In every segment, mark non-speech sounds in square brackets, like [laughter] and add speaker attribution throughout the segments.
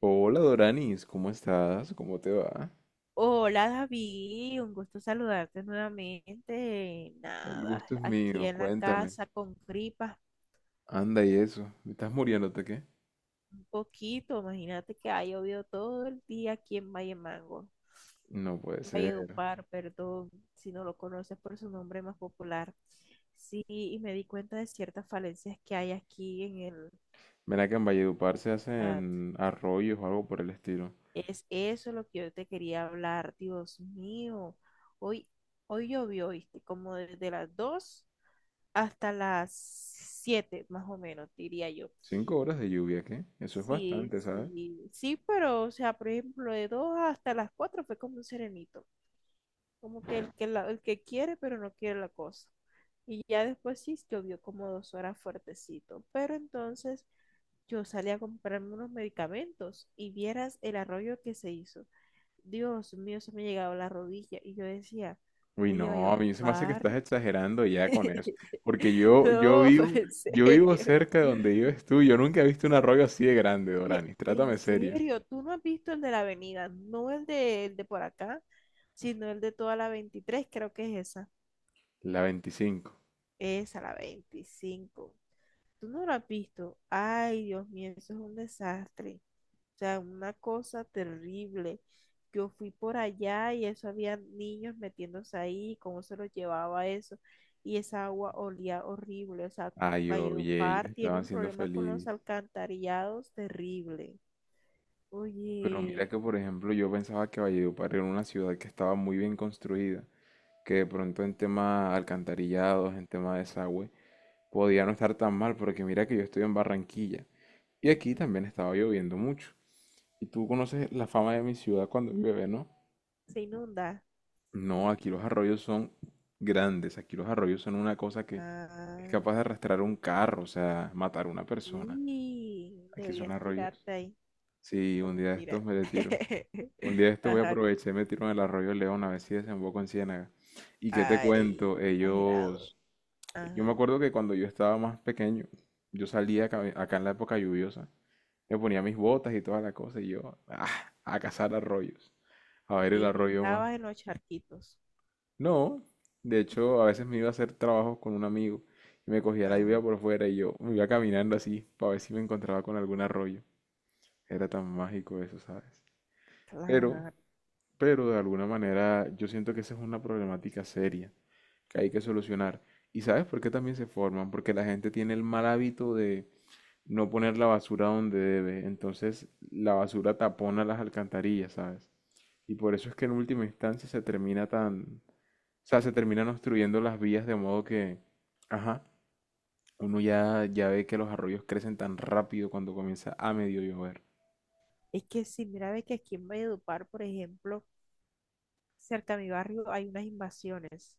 Speaker 1: Hola Doranis, ¿cómo estás? ¿Cómo te va?
Speaker 2: Hola David, un gusto saludarte nuevamente.
Speaker 1: El
Speaker 2: Nada,
Speaker 1: gusto es
Speaker 2: aquí
Speaker 1: mío,
Speaker 2: en la
Speaker 1: cuéntame.
Speaker 2: casa con gripas
Speaker 1: Anda y eso, ¿me estás muriéndote qué?
Speaker 2: un poquito. Imagínate que ha llovido todo el día aquí en Valle Mango,
Speaker 1: No puede
Speaker 2: en
Speaker 1: ser.
Speaker 2: Valledupar, perdón, si no lo conoces por su nombre más popular. Sí, y me di cuenta de ciertas falencias que hay aquí en el
Speaker 1: Ven acá, en Valledupar se
Speaker 2: chat.
Speaker 1: hacen arroyos o algo por el estilo.
Speaker 2: Es eso lo que yo te quería hablar, Dios mío. Hoy, hoy llovió, ¿viste? Como desde las 2 hasta las 7 más o menos, diría yo.
Speaker 1: Cinco horas de lluvia, ¿qué? Eso es
Speaker 2: Sí,
Speaker 1: bastante, ¿sabes?
Speaker 2: sí, sí, pero, o sea, por ejemplo, de 2 hasta las 4 fue como un serenito, como que el que quiere, pero no quiere la cosa. Y ya después sí llovió como 2 horas fuertecito, pero entonces yo salí a comprarme unos medicamentos y vieras el arroyo que se hizo. Dios mío, se me llegaba la rodilla y yo decía,
Speaker 1: Uy,
Speaker 2: oye, va a
Speaker 1: no, a mí se me hace que estás
Speaker 2: llover.
Speaker 1: exagerando ya con eso.
Speaker 2: [laughs]
Speaker 1: Porque yo, yo
Speaker 2: No, fue
Speaker 1: vivo,
Speaker 2: en
Speaker 1: yo vivo
Speaker 2: serio.
Speaker 1: cerca de donde vives tú. Yo nunca he visto un arroyo así de grande,
Speaker 2: Oye,
Speaker 1: Doranis.
Speaker 2: en
Speaker 1: Trátame serio.
Speaker 2: serio, tú no has visto el de la avenida, no el de por acá, sino el de toda la 23, creo que es esa.
Speaker 1: La veinticinco.
Speaker 2: Esa, la 25. Tú no lo has visto. Ay, Dios mío, eso es un desastre. O sea, una cosa terrible. Yo fui por allá y eso había niños metiéndose ahí, cómo se los llevaba eso. Y esa agua olía horrible. O sea,
Speaker 1: Ay, oye, ellos
Speaker 2: Valledupar tiene
Speaker 1: estaban
Speaker 2: un
Speaker 1: siendo
Speaker 2: problema con los
Speaker 1: feliz.
Speaker 2: alcantarillados terrible.
Speaker 1: Pero mira
Speaker 2: Oye.
Speaker 1: que, por ejemplo, yo pensaba que Valledupar era una ciudad que estaba muy bien construida, que de pronto en tema alcantarillados, en tema de desagüe, podía no estar tan mal, porque mira que yo estoy en Barranquilla y aquí
Speaker 2: [laughs]
Speaker 1: también estaba lloviendo mucho. Y tú conoces la fama de mi ciudad cuando llueve, ¿no?
Speaker 2: Se inunda.
Speaker 1: No, aquí los arroyos son grandes, aquí los arroyos son una cosa que es
Speaker 2: Ah,
Speaker 1: capaz de arrastrar un carro, o sea, matar a una persona.
Speaker 2: sí
Speaker 1: Aquí son
Speaker 2: deberías
Speaker 1: arroyos.
Speaker 2: tirarte ahí.
Speaker 1: Sí,
Speaker 2: No,
Speaker 1: un día de
Speaker 2: mentira.
Speaker 1: estos me le tiro.
Speaker 2: [laughs]
Speaker 1: Un día de esto voy a
Speaker 2: Ajá.
Speaker 1: aprovechar y me tiro en el arroyo León a ver si desemboco en Ciénaga. ¿Y qué te
Speaker 2: Ay,
Speaker 1: cuento?
Speaker 2: exagerado.
Speaker 1: Ellos... Yo me
Speaker 2: Ajá.
Speaker 1: acuerdo que cuando yo estaba más pequeño, yo salía acá, acá en la época lluviosa, me ponía mis botas y toda la cosa y yo ah, a cazar arroyos, a ver el
Speaker 2: Y
Speaker 1: arroyo más.
Speaker 2: brincabas en los charquitos.
Speaker 1: No, de hecho a veces me iba a hacer trabajos con un amigo y me cogía la lluvia
Speaker 2: Ah,
Speaker 1: por fuera y yo me iba caminando así para ver si me encontraba con algún arroyo. Era tan mágico eso, ¿sabes? Pero
Speaker 2: claro.
Speaker 1: pero de alguna manera yo siento que esa es una problemática seria que hay que solucionar. ¿Y sabes por qué también se forman? Porque la gente tiene el mal hábito de no poner la basura donde debe. Entonces la basura tapona las alcantarillas, ¿sabes? Y por eso es que en última instancia se termina tan... O sea, se terminan obstruyendo las vías de modo que... Ajá, uno ya, ya ve que los arroyos crecen tan rápido cuando comienza a medio llover.
Speaker 2: Es que sí, mira, ve que aquí en Valledupar, por ejemplo, cerca a mi barrio hay unas invasiones.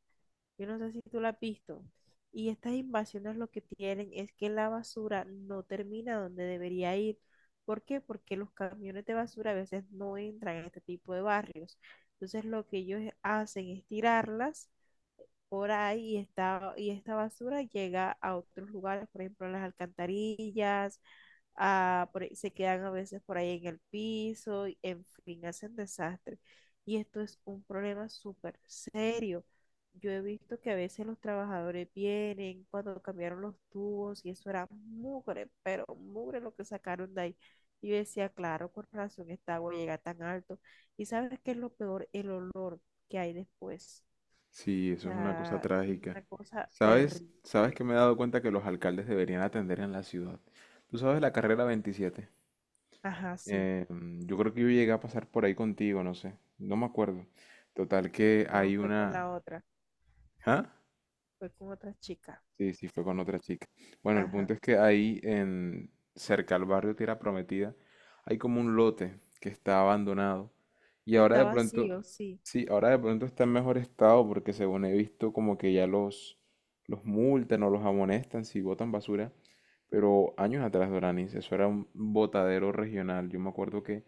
Speaker 2: Yo no sé si tú la has visto. Y estas invasiones lo que tienen es que la basura no termina donde debería ir. ¿Por qué? Porque los camiones de basura a veces no entran en este tipo de barrios. Entonces lo que ellos hacen es tirarlas por ahí y esta basura llega a otros lugares, por ejemplo, a las alcantarillas, se quedan a veces por ahí en el piso, y, en fin, hacen desastre. Y esto es un problema súper serio. Yo he visto que a veces los trabajadores vienen cuando cambiaron los tubos y eso era mugre, pero mugre lo que sacaron de ahí. Y yo decía, claro, con razón esta agua llega tan alto. ¿Y sabes qué es lo peor? El olor que hay después.
Speaker 1: Sí,
Speaker 2: O
Speaker 1: eso es una cosa
Speaker 2: sea, es
Speaker 1: trágica.
Speaker 2: una cosa
Speaker 1: ¿Sabes? ¿Sabes
Speaker 2: terrible.
Speaker 1: que me he dado cuenta que los alcaldes deberían atender en la ciudad? Tú sabes la carrera 27.
Speaker 2: Ajá, sí.
Speaker 1: Yo creo que yo llegué a pasar por ahí contigo, no sé. No me acuerdo. Total que
Speaker 2: No,
Speaker 1: hay
Speaker 2: fue con
Speaker 1: una...
Speaker 2: la otra,
Speaker 1: ¿Ah?
Speaker 2: fue con otra chica.
Speaker 1: Sí, sí, fue con otra chica. Bueno, el
Speaker 2: Ajá.
Speaker 1: punto es que ahí en cerca al barrio Tierra Prometida hay como un lote que está abandonado y
Speaker 2: Que
Speaker 1: ahora
Speaker 2: está
Speaker 1: de pronto,
Speaker 2: vacío, sí.
Speaker 1: sí, ahora de pronto está en mejor estado porque según he visto como que ya los multan o los amonestan si botan basura, pero años atrás, Doranis, eso era un botadero regional. Yo me acuerdo que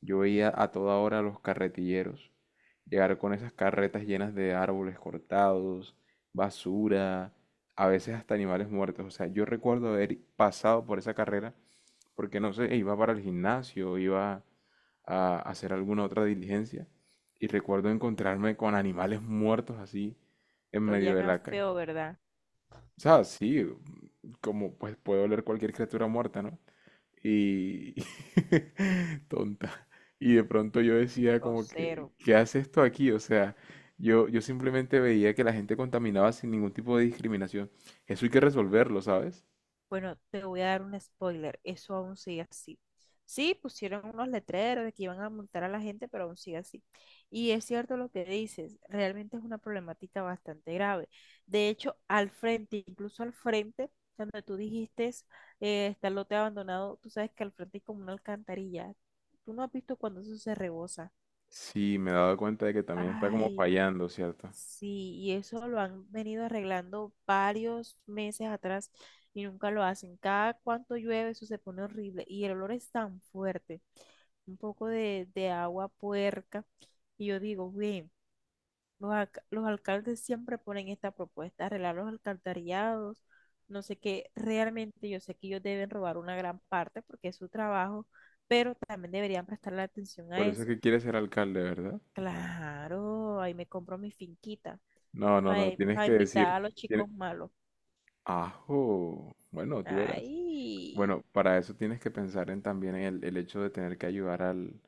Speaker 1: yo veía a toda hora a los carretilleros llegar con esas carretas llenas de árboles cortados, basura, a veces hasta animales muertos. O sea, yo recuerdo haber pasado por esa carrera porque no sé, iba para el gimnasio, iba a hacer alguna otra diligencia y recuerdo encontrarme con animales muertos así en medio
Speaker 2: Olían
Speaker 1: de
Speaker 2: a
Speaker 1: la calle.
Speaker 2: feo, ¿verdad?
Speaker 1: O sea, sí, como pues puede oler cualquier criatura muerta, ¿no? Y [laughs] tonta. Y de pronto yo decía
Speaker 2: O
Speaker 1: como que,
Speaker 2: cero.
Speaker 1: ¿qué hace esto aquí? O sea, yo simplemente veía que la gente contaminaba sin ningún tipo de discriminación. Eso hay que resolverlo, ¿sabes?
Speaker 2: Bueno, te voy a dar un spoiler. Eso aún sigue así. Sí, pusieron unos letreros de que iban a multar a la gente, pero aún sigue así. Y es cierto lo que dices, realmente es una problemática bastante grave. De hecho, al frente, incluso al frente, cuando tú dijiste está el lote abandonado, tú sabes que al frente hay como una alcantarilla. Tú no has visto cuando eso se rebosa.
Speaker 1: Sí, me he dado cuenta de que también está como
Speaker 2: Ay,
Speaker 1: fallando, ¿cierto?
Speaker 2: sí, y eso lo han venido arreglando varios meses atrás y nunca lo hacen. Cada cuanto llueve eso se pone horrible y el olor es tan fuerte. Un poco de agua puerca. Y yo digo, bien, los alcaldes siempre ponen esta propuesta, arreglar los alcantarillados, no sé qué. Realmente yo sé que ellos deben robar una gran parte porque es su trabajo, pero también deberían prestarle atención a
Speaker 1: Por eso es
Speaker 2: eso.
Speaker 1: que quiere ser alcalde, ¿verdad?
Speaker 2: Claro, ahí me compro mi finquita
Speaker 1: No, no, no, tienes
Speaker 2: para
Speaker 1: que
Speaker 2: invitar
Speaker 1: decir,
Speaker 2: a los
Speaker 1: tiene-
Speaker 2: chicos malos.
Speaker 1: Ajo. Bueno, tú verás.
Speaker 2: Ay,
Speaker 1: Bueno, para eso tienes que pensar en también en el hecho de tener que ayudar al,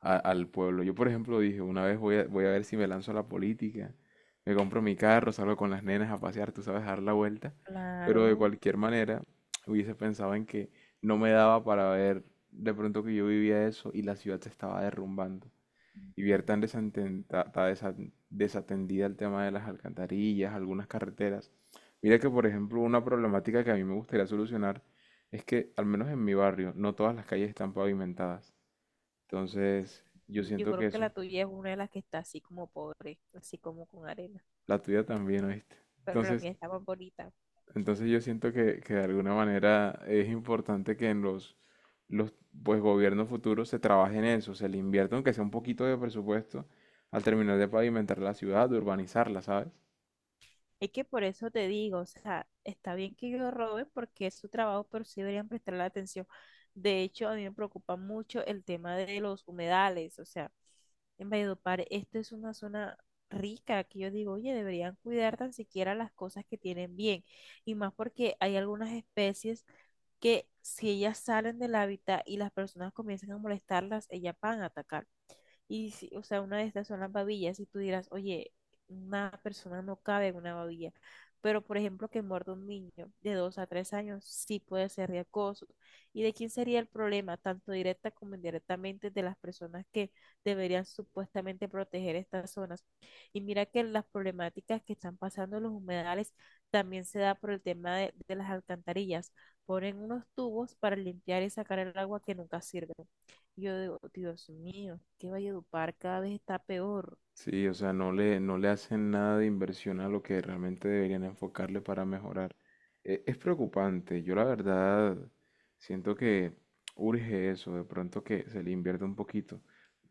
Speaker 1: a- al pueblo. Yo, por ejemplo, dije, una vez voy a ver si me lanzo a la política, me compro mi carro, salgo con las nenas a pasear, tú sabes, a dar la vuelta. Pero de
Speaker 2: claro.
Speaker 1: cualquier manera, hubiese pensado en que no me daba para ver de pronto que yo vivía eso y la ciudad se estaba derrumbando y
Speaker 2: Ujú.
Speaker 1: ver tan desatenta- ta- desa- desatendida el tema de las alcantarillas, algunas carreteras. Mira que, por ejemplo, una problemática que a mí me gustaría solucionar es que, al menos en mi barrio, no todas las calles están pavimentadas. Entonces, yo
Speaker 2: Yo
Speaker 1: siento
Speaker 2: creo
Speaker 1: que
Speaker 2: que
Speaker 1: eso,
Speaker 2: la tuya es una de las que está así como pobre, así como con arena,
Speaker 1: la tuya también, ¿oíste?
Speaker 2: pero la
Speaker 1: Entonces,
Speaker 2: mía está más bonita.
Speaker 1: entonces yo siento que de alguna manera es importante que en los pues, gobiernos futuros se trabaje en eso, se le invierta aunque sea un poquito de presupuesto al terminar de pavimentar la ciudad, de urbanizarla, ¿sabes?
Speaker 2: Es que por eso te digo, o sea, está bien que yo robe porque es su trabajo, pero sí deberían prestarle atención. De hecho, a mí me preocupa mucho el tema de los humedales, o sea, en Valledupar, esto es una zona rica que yo digo, oye, deberían cuidar tan siquiera las cosas que tienen bien, y más porque hay algunas especies que si ellas salen del hábitat y las personas comienzan a molestarlas, ellas van a atacar. O sea, una de estas son las babillas. Y tú dirás, oye, una persona no cabe en una babilla. Pero, por ejemplo, que muerda un niño de 2 a 3 años sí puede ser de acoso. ¿Y de quién sería el problema, tanto directa como indirectamente, de las personas que deberían supuestamente proteger estas zonas? Y mira que las problemáticas que están pasando en los humedales también se da por el tema de las alcantarillas. Ponen unos tubos para limpiar y sacar el agua que nunca sirve. Yo digo, Dios mío, que Valledupar cada vez está peor.
Speaker 1: Sí, o sea, no le hacen nada de inversión a lo que realmente deberían enfocarle para mejorar. E- Es, preocupante, yo la verdad siento que urge eso, de pronto que se le invierta un poquito.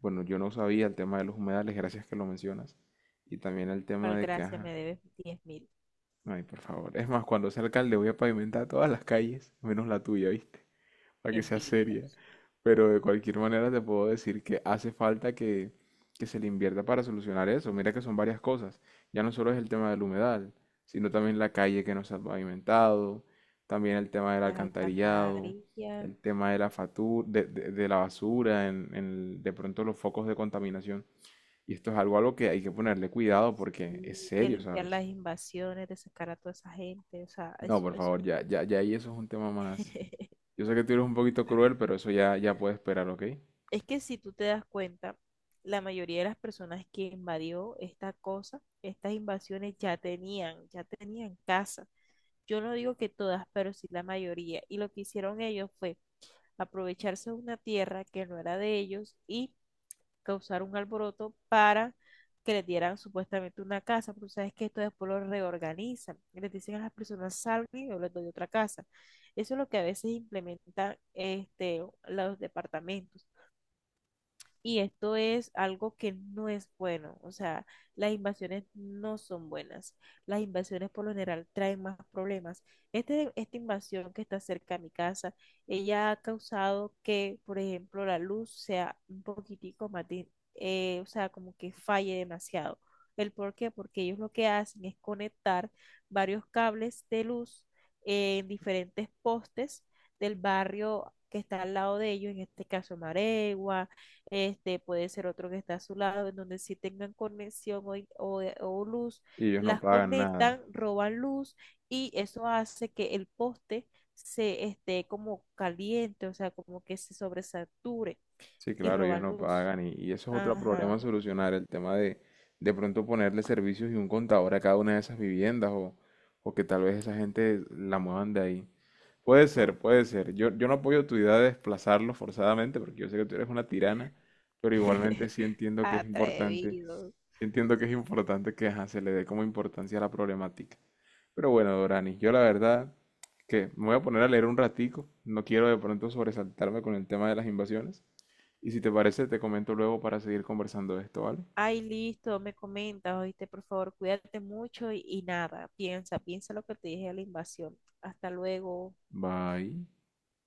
Speaker 1: Bueno, yo no sabía el tema de los humedales, gracias que lo mencionas. Y también el tema de que,
Speaker 2: Gracias, me
Speaker 1: ajá,
Speaker 2: debes 10.000
Speaker 1: ay, por favor. Es más, cuando sea alcalde voy a pavimentar todas las calles, menos la tuya, ¿viste? Para que sea seria.
Speaker 2: envidios.
Speaker 1: Pero de cualquier manera te puedo decir que hace falta que se le invierta para solucionar eso. Mira que son varias cosas. Ya no solo es el tema del humedal, sino también la calle que no se ha pavimentado, también el tema del
Speaker 2: Las
Speaker 1: alcantarillado,
Speaker 2: alcantarillas,
Speaker 1: el tema de la fatu- de la basura, en el- de pronto los focos de contaminación. Y esto es algo a lo que hay que ponerle cuidado porque es
Speaker 2: y de
Speaker 1: serio,
Speaker 2: limpiar
Speaker 1: ¿sabes?
Speaker 2: las invasiones, de sacar a toda esa gente. O sea,
Speaker 1: No,
Speaker 2: eso,
Speaker 1: por
Speaker 2: eso.
Speaker 1: favor, ya, ya, ya ahí eso es un tema más.
Speaker 2: [laughs]
Speaker 1: Yo sé que tú eres un poquito cruel, pero eso ya, ya puede esperar, ¿ok?
Speaker 2: Es que si tú te das cuenta, la mayoría de las personas que invadió esta cosa, estas invasiones ya tenían casa. Yo no digo que todas, pero sí la mayoría. Y lo que hicieron ellos fue aprovecharse de una tierra que no era de ellos y causar un alboroto para que les dieran supuestamente una casa, pero sabes que esto después lo reorganizan, y les dicen a las personas salgan y yo les doy otra casa. Eso es lo que a veces implementan los departamentos. Y esto es algo que no es bueno. O sea, las invasiones no son buenas. Las invasiones por lo general traen más problemas. Esta invasión que está cerca a mi casa, ella ha causado que, por ejemplo, la luz sea un poquitico más, o sea, como que falle demasiado. ¿El por qué? Porque ellos lo que hacen es conectar varios cables de luz en diferentes postes del barrio que está al lado de ellos, en este caso Maregua, este puede ser otro que está a su lado, en donde si tengan conexión o luz,
Speaker 1: Y ellos no
Speaker 2: las
Speaker 1: pagan nada.
Speaker 2: conectan, roban luz y eso hace que el poste se esté como caliente, o sea, como que se sobresature
Speaker 1: Sí,
Speaker 2: y
Speaker 1: claro, ellos
Speaker 2: roban
Speaker 1: no
Speaker 2: luz.
Speaker 1: pagan. Y eso es otro problema
Speaker 2: Ajá.
Speaker 1: a solucionar, el tema de pronto ponerle servicios y un contador a cada una de esas viviendas o que tal vez esa gente la muevan de ahí. Puede ser,
Speaker 2: Todo.
Speaker 1: puede ser. Yo no apoyo tu idea de desplazarlos forzadamente porque yo sé que tú eres una tirana, pero igualmente sí
Speaker 2: [laughs]
Speaker 1: entiendo que es importante,
Speaker 2: Atrevido.
Speaker 1: sí entiendo que es importante que ajá, se le dé como importancia a la problemática. Pero bueno, Dorani, yo la verdad que me voy a poner a leer un ratico. No quiero de pronto sobresaltarme con el tema de las invasiones. Y si te parece, te comento luego para seguir conversando de esto, ¿vale?
Speaker 2: Ay, listo, me comentas, oíste, por favor, cuídate mucho y nada, piensa, piensa lo que te dije de la invasión. Hasta luego.
Speaker 1: Bye.